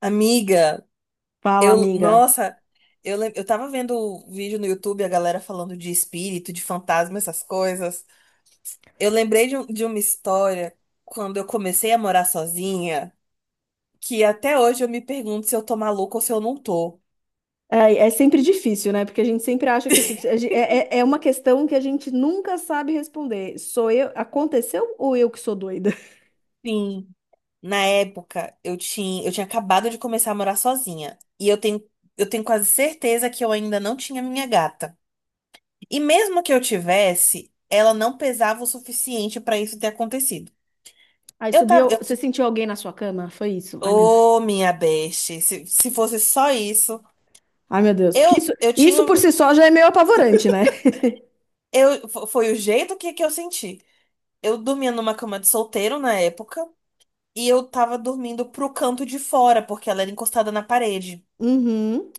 Amiga, Fala, eu, amiga. nossa, eu tava vendo o vídeo no YouTube, a galera falando de espírito, de fantasma, essas coisas. Eu lembrei de uma história quando eu comecei a morar sozinha, que até hoje eu me pergunto se eu tô maluca ou se eu não tô. É sempre difícil, né? Porque a gente sempre acha que a gente- é, é é uma questão que a gente nunca sabe responder. Sou eu, aconteceu ou eu que sou doida? Sim, na época eu tinha acabado de começar a morar sozinha. E eu tenho quase certeza que eu ainda não tinha minha gata. E mesmo que eu tivesse, ela não pesava o suficiente pra isso ter acontecido. Aí Eu tava, subiu, eu você sentiu alguém na sua cama? Foi isso? Ai, meu Deus. Ô, minha beste, se fosse só isso, Ai, meu Deus. Porque isso, eu tinha isso por si só já é meio apavorante, né? eu fo- foi o jeito que eu senti. Eu dormia numa cama de solteiro na época e eu tava dormindo pro canto de fora porque ela era encostada na parede. Uhum.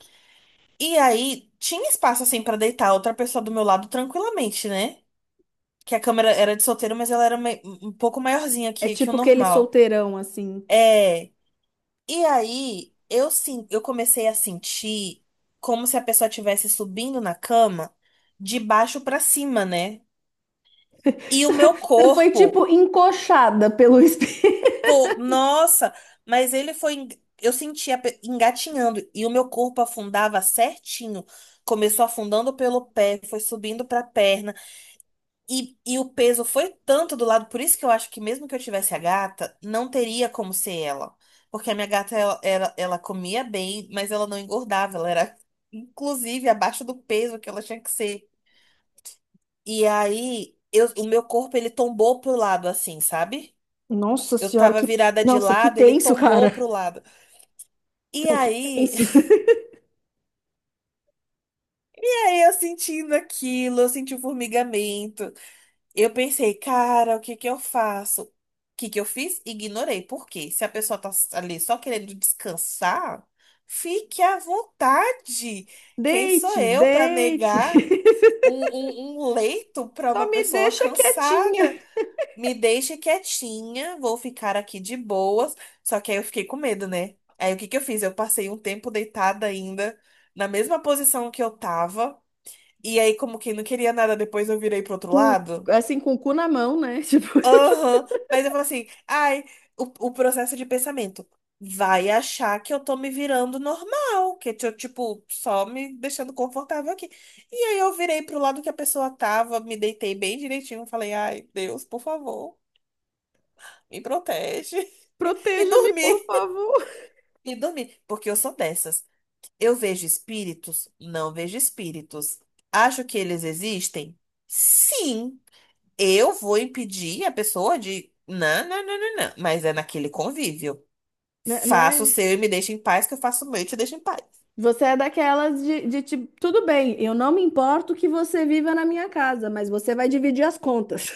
E aí tinha espaço assim pra deitar outra pessoa do meu lado tranquilamente, né? Que a cama era de solteiro, mas ela era um pouco maiorzinha É que o tipo aquele normal. solteirão, assim. É. E aí, eu, sim, eu comecei a sentir como se a pessoa estivesse subindo na cama de baixo pra cima, né? E o meu Você foi, corpo, tipo, encoxada pelo espelho. pô, nossa, mas ele foi, en- eu sentia engatinhando e o meu corpo afundava certinho. Começou afundando pelo pé, foi subindo pra perna. E o peso foi tanto do lado, por isso que eu acho que mesmo que eu tivesse a gata, não teria como ser ela. Porque a minha gata, ela comia bem, mas ela não engordava, ela era, inclusive, abaixo do peso que ela tinha que ser. E aí, o meu corpo, ele tombou pro lado, assim, sabe? Nossa Eu senhora, tava que... virada de Nossa, que lado, ele tenso, tombou cara. pro lado. E Não, que aí, tenso. e aí eu sentindo aquilo, eu senti o formigamento. Eu pensei, cara, o que que eu faço? O que que eu fiz? Ignorei. Por quê? Se a pessoa tá ali só querendo descansar, fique à vontade. Quem sou Deite, eu para deite. negar um leito para Só uma me pessoa deixa cansada? quietinha, Me deixe quietinha, vou ficar aqui de boas. Só que aí eu fiquei com medo, né? Aí o que que eu fiz? Eu passei um tempo deitada ainda, na mesma posição que eu tava. E aí, como quem não queria nada, depois eu virei pro outro com, lado. assim, com o cu na mão, né? Tipo, Aham, mas eu falo assim, ai, o processo de pensamento vai achar que eu tô me virando normal, que eu, tipo, só me deixando confortável aqui. E aí eu virei pro lado que a pessoa tava, me deitei bem direitinho, falei, ai, Deus, por favor, me protege. E proteja-me, dormi, por favor, e dormi, porque eu sou dessas. Eu vejo espíritos? Não vejo espíritos. Acho que eles existem? Sim. Eu vou impedir a pessoa de. Não, não, não, não, não. Mas é naquele convívio. né? Faça o Né? seu e me deixa em paz, que eu faço o meu e te deixo em paz. Você é daquelas de tipo, tudo bem, eu não me importo que você viva na minha casa, mas você vai dividir as contas.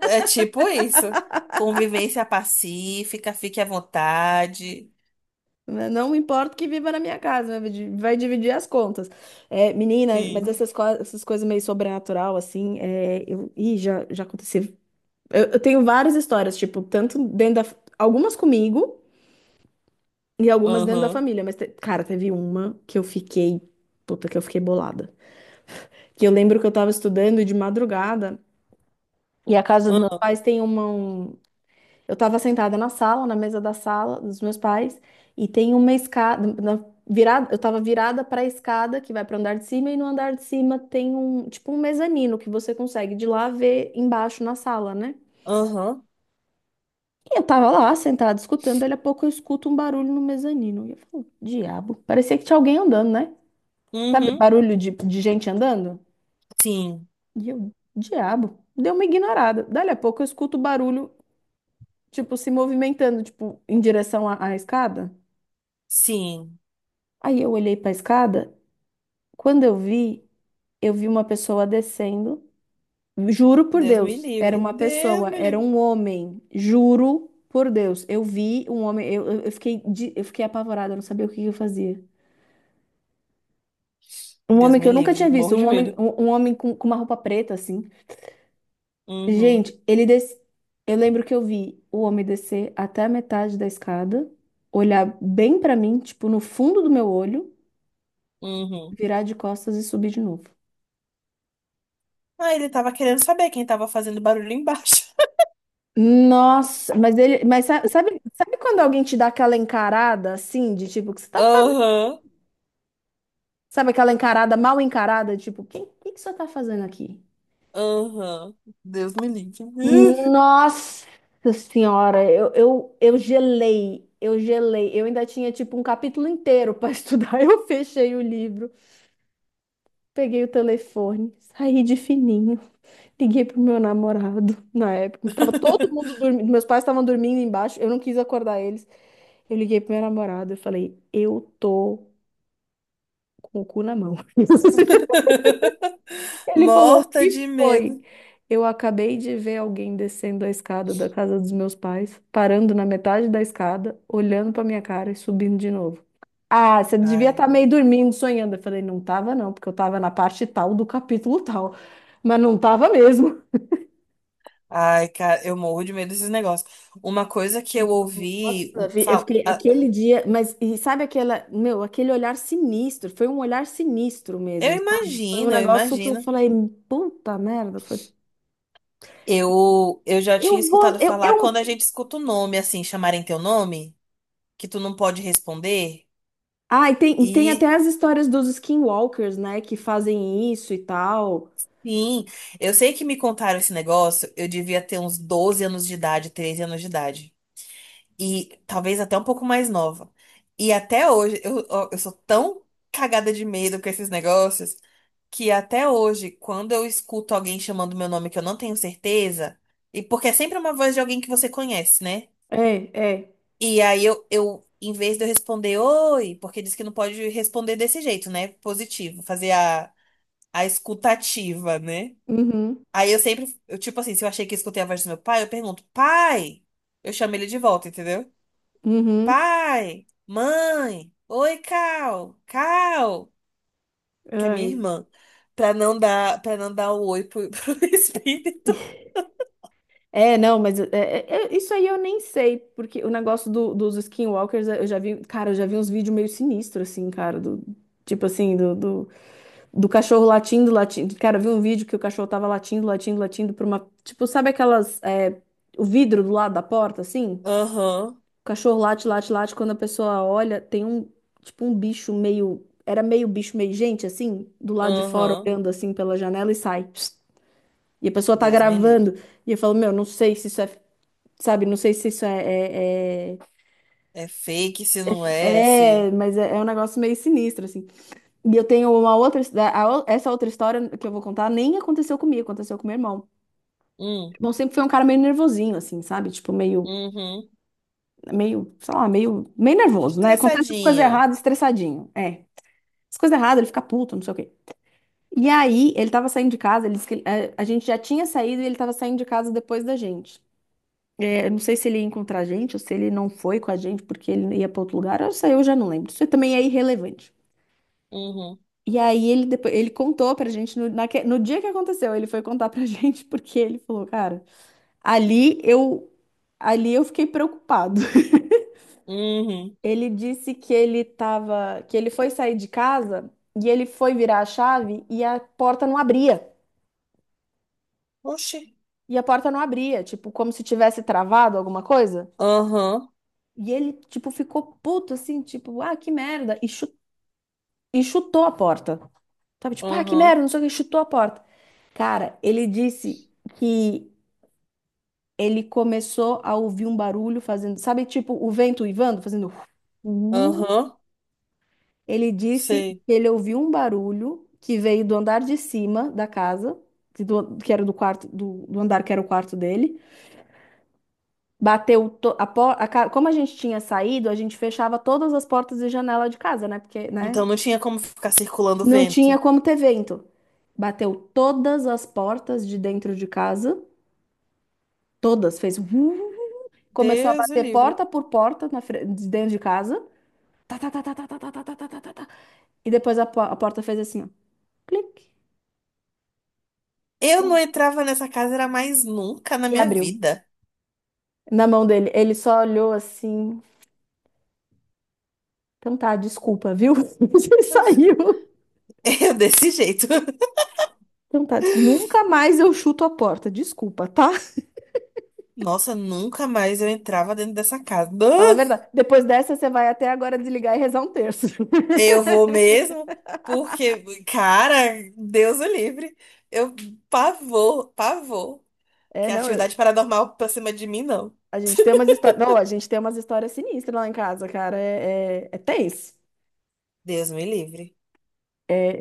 É tipo isso. Convivência pacífica, fique à vontade. Né? Não me importo que viva na minha casa, vai dividir as contas. É, menina, mas Sim. Essas coisas meio sobrenatural, assim, é, eu, ih, já aconteceu. Eu tenho várias histórias, tipo, tanto dentro da, algumas comigo. E algumas dentro da Aham. família, mas, cara, teve uma que eu fiquei, puta, que eu fiquei bolada. Que eu lembro que eu tava estudando de madrugada e a casa dos meus Ah. pais tem Eu tava sentada na sala, na mesa da sala dos meus pais, e tem uma escada. Virada, eu tava virada pra escada que vai pro andar de cima, e no andar de cima tem um, tipo, um mezanino que você consegue de lá ver embaixo na sala, né? Aham. E eu tava lá sentada escutando, daí a pouco eu escuto um barulho no mezanino. E eu falo, diabo, parecia que tinha alguém andando, né? Sabe, Uhum. barulho de gente andando? Sim. E eu, diabo, deu uma ignorada. Dali a pouco eu escuto barulho, tipo, se movimentando, tipo, em direção à escada. Sim. Aí eu olhei pra escada, quando eu vi uma pessoa descendo. Juro por Deus me Deus, era livre. uma Deus pessoa, me era livre. um homem. Juro por Deus, eu vi um homem, eu fiquei, eu fiquei apavorada, eu não sabia o que que eu fazia. Um Deus homem que me eu nunca livre. tinha visto, Morro um de homem, medo. Um homem com uma roupa preta, assim. Uhum. Gente, eu lembro que eu vi o homem descer até a metade da escada, olhar bem pra mim, tipo, no fundo do meu olho, Uhum. virar de costas e subir de novo. Ah, ele tava querendo saber quem tava fazendo barulho embaixo. Nossa, mas ele, mas sabe, sabe quando alguém te dá aquela encarada assim, de tipo, o que você tá fazendo? Aham. Sabe aquela encarada mal encarada, tipo, quem, que você tá fazendo aqui? Aham. Deus me livre. Nossa senhora, eu gelei, eu gelei. Eu ainda tinha tipo um capítulo inteiro pra estudar. Eu fechei o livro. Peguei o telefone, saí de fininho, liguei pro meu namorado na época. Tava todo mundo dormindo, meus pais estavam dormindo embaixo, eu não quis acordar eles. Eu liguei pro meu namorado, eu falei, eu tô com o cu na mão. Ele falou, o Morta de que medo. foi? Eu acabei de ver alguém descendo a escada da casa dos meus pais, parando na metade da escada, olhando pra minha cara e subindo de novo. Ah, você devia Ai, estar meio dormindo, sonhando. Eu falei, não tava não, porque eu tava na parte tal do capítulo tal, mas não tava mesmo. ai, cara, eu morro de medo desses negócios. Uma coisa que eu ouvi, Nossa, um, eu fal- fiquei ah, aquele dia, mas e sabe aquela, meu, aquele olhar sinistro, foi um olhar sinistro eu mesmo, sabe? Foi um imagino, eu negócio que eu imagino. falei, puta merda, foi, Eu já eu tinha vou, escutado falar eu, quando a gente escuta o nome, assim, chamarem teu nome, que tu não pode responder. Ah, e tem até E, as histórias dos skinwalkers, né? Que fazem isso e tal. sim, eu sei que me contaram esse negócio, eu devia ter uns 12 anos de idade, 13 anos de idade, e talvez até um pouco mais nova. E até hoje, eu, ó, eu sou tão cagada de medo com esses negócios que até hoje, quando eu escuto alguém chamando meu nome que eu não tenho certeza, e porque é sempre uma voz de alguém que você conhece, né? É, é. E aí eu em vez de eu responder oi, porque diz que não pode responder desse jeito, né? Positivo, fazer a escutativa, né? Uhum, Aí eu sempre, eu, tipo assim, se eu achei que escutei a voz do meu pai, eu pergunto, pai, eu chamo ele de volta, entendeu? uhum. Pai, mãe, oi, Cal, Cal, que é minha Ai. irmã, pra não dar, para não dar o oi pro, pro espírito. É, não, mas isso aí eu nem sei, porque o negócio dos skinwalkers, eu já vi, cara, eu já vi uns vídeos meio sinistros, assim, cara, do, tipo assim, do cachorro latindo, latindo. Cara, eu vi um vídeo que o cachorro tava latindo, latindo, latindo pra uma, tipo, sabe aquelas, é, o vidro do lado da porta, assim? Aham, O cachorro late, late, late. Quando a pessoa olha, tem um, tipo, um bicho meio. Era meio bicho, meio gente, assim, do lado de fora, aham, olhando assim pela janela e sai. Psst. E a pessoa tá Deus me livre. gravando. E eu falo, meu, não sei se isso é. Sabe, não sei se isso é. É, é- É fake se não é, se. mas é, é um negócio meio sinistro, assim. E eu tenho uma outra. Essa outra história que eu vou contar nem aconteceu comigo, aconteceu com meu irmão. Hum, Bom, sempre foi um cara meio nervosinho, assim, sabe? Tipo, meio. uhum. Meio, sei lá, meio nervoso, né? Acontece as coisas Estressadinho. erradas, estressadinho. É. As coisas erradas, ele fica puto, não sei o quê. E aí, ele tava saindo de casa, ele disse que gente já tinha saído e ele tava saindo de casa depois da gente. É, eu não sei se ele ia encontrar a gente ou se ele não foi com a gente porque ele ia pra outro lugar. Eu sei, eu já não lembro. Isso também é irrelevante. Uhum, E aí ele depois, ele contou pra gente no dia que aconteceu, ele foi contar pra gente porque ele falou, cara, ali eu ali eu fiquei preocupado. uhum. Ele disse que ele tava, que ele foi sair de casa e ele foi virar a chave e a porta não abria. Oxi. E a porta não abria, tipo, como se tivesse travado alguma coisa. Aham, E ele, tipo, ficou puto, assim, tipo, ah, que merda. E chutou a porta. Tava tipo, ah, que aham, merda, não sei o que, chutou a porta. Cara, ele disse que ele começou a ouvir um barulho fazendo, sabe, tipo, o vento uivando, fazendo. "Uh". aham, Ele disse sei. que ele ouviu um barulho que veio do andar de cima da casa, que, que era do quarto, do andar que era o quarto dele. Bateu to- a por- a ca- Como a gente tinha saído, a gente fechava todas as portas e janela de casa, né? Porque, né? Então não tinha como ficar circulando o Não tinha vento. como ter vento. Bateu todas as portas de dentro de casa, todas, fez. Vu, começou a Deus me bater livre. porta por porta de dentro de casa. Tá, tá, tá, tá, tá, tá, tá, tá, tá, tá, tá, tá, tá. E depois a porta fez assim, ó, clique, e Eu não ab- entrava nessa casa, era mais nunca na e minha abriu. vida. Na mão dele, ele só olhou assim. Então tá, desculpa, viu? Você saiu. Eu desse jeito. Então tá, desculpa. Nunca mais eu chuto a porta, desculpa, tá? Nossa, nunca mais eu entrava dentro dessa casa. Fala a verdade. Depois dessa, você vai até agora desligar e rezar um terço. Ah, eu vou mesmo, porque, cara, Deus o livre. Eu Pavor, pavor. É, Que não, eu- atividade paranormal pra cima de mim, não. A gente tem umas histórias. Não, a gente tem umas histórias sinistras lá em casa, cara. É tenso. Deus me livre.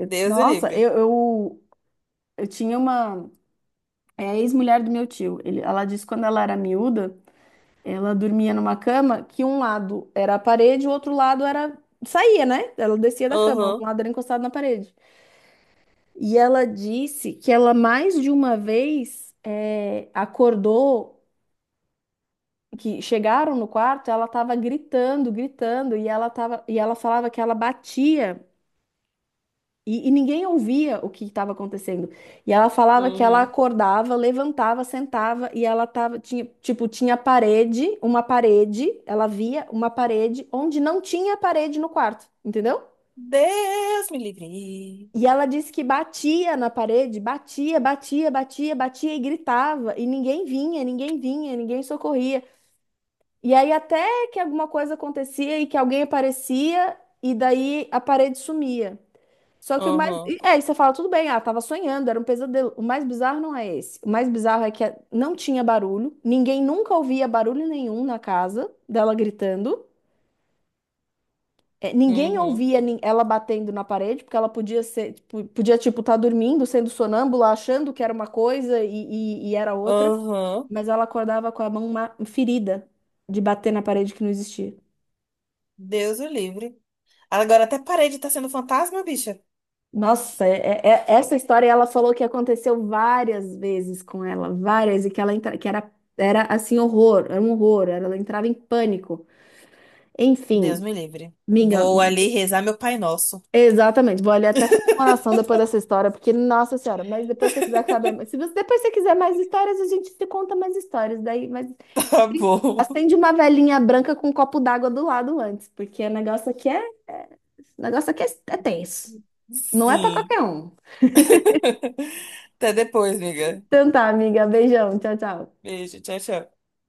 Deus o Nossa, livre. Eu tinha uma é a ex-mulher do meu tio. Ele, ela disse que quando ela era miúda, ela dormia numa cama que um lado era a parede, o outro lado era. Saía, né? Ela descia da cama, um Aham, lado era encostado na parede. E ela disse que ela mais de uma vez é, acordou que chegaram no quarto, ela estava gritando, gritando, e ela tava, e ela falava que ela batia e ninguém ouvia o que estava acontecendo. E ela falava que ela uhum, acordava, levantava, sentava e ela tava, tinha, tipo, tinha parede, uma parede, ela via uma parede onde não tinha parede no quarto, entendeu? Deus me livre. E ela disse que batia na parede, batia, batia, batia, batia e gritava, e ninguém vinha, ninguém vinha, ninguém socorria. E aí até que alguma coisa acontecia e que alguém aparecia e daí a parede sumia. Só que o mais... Aham, É, e você fala, tudo bem, ah, tava sonhando, era um pesadelo. O mais bizarro não é esse. O mais bizarro é que não tinha barulho, ninguém nunca ouvia barulho nenhum na casa dela gritando. Eh, ninguém uhum, ouvia ela batendo na parede, porque ela podia ser, tipo, podia, tipo, estar dormindo, sendo sonâmbula, achando que era uma coisa e era outra, aham. mas ela acordava com a mão ferida de bater na parede que não existia. Deus o livre. Agora até parei de estar sendo fantasma, bicha. Nossa, é, essa história ela falou que aconteceu várias vezes com ela, várias, e que ela entra, que era, era assim, horror, era um horror, ela entrava em pânico. Deus Enfim, me livre. minga, Vou ali rezar meu Pai Nosso. exatamente. Vou ali até fazer uma oração depois dessa história, porque, nossa senhora, mas depois se você quiser saber, se você depois você quiser mais histórias, a gente te conta mais histórias. Daí, mas Tá bom. acende uma velhinha branca com um copo d'água do lado antes, porque o negócio aqui é é tenso. Não é pra Sim. qualquer um. Até depois, amiga. Então tá, amiga, beijão, tchau, tchau. Beijo, tchau, tchau.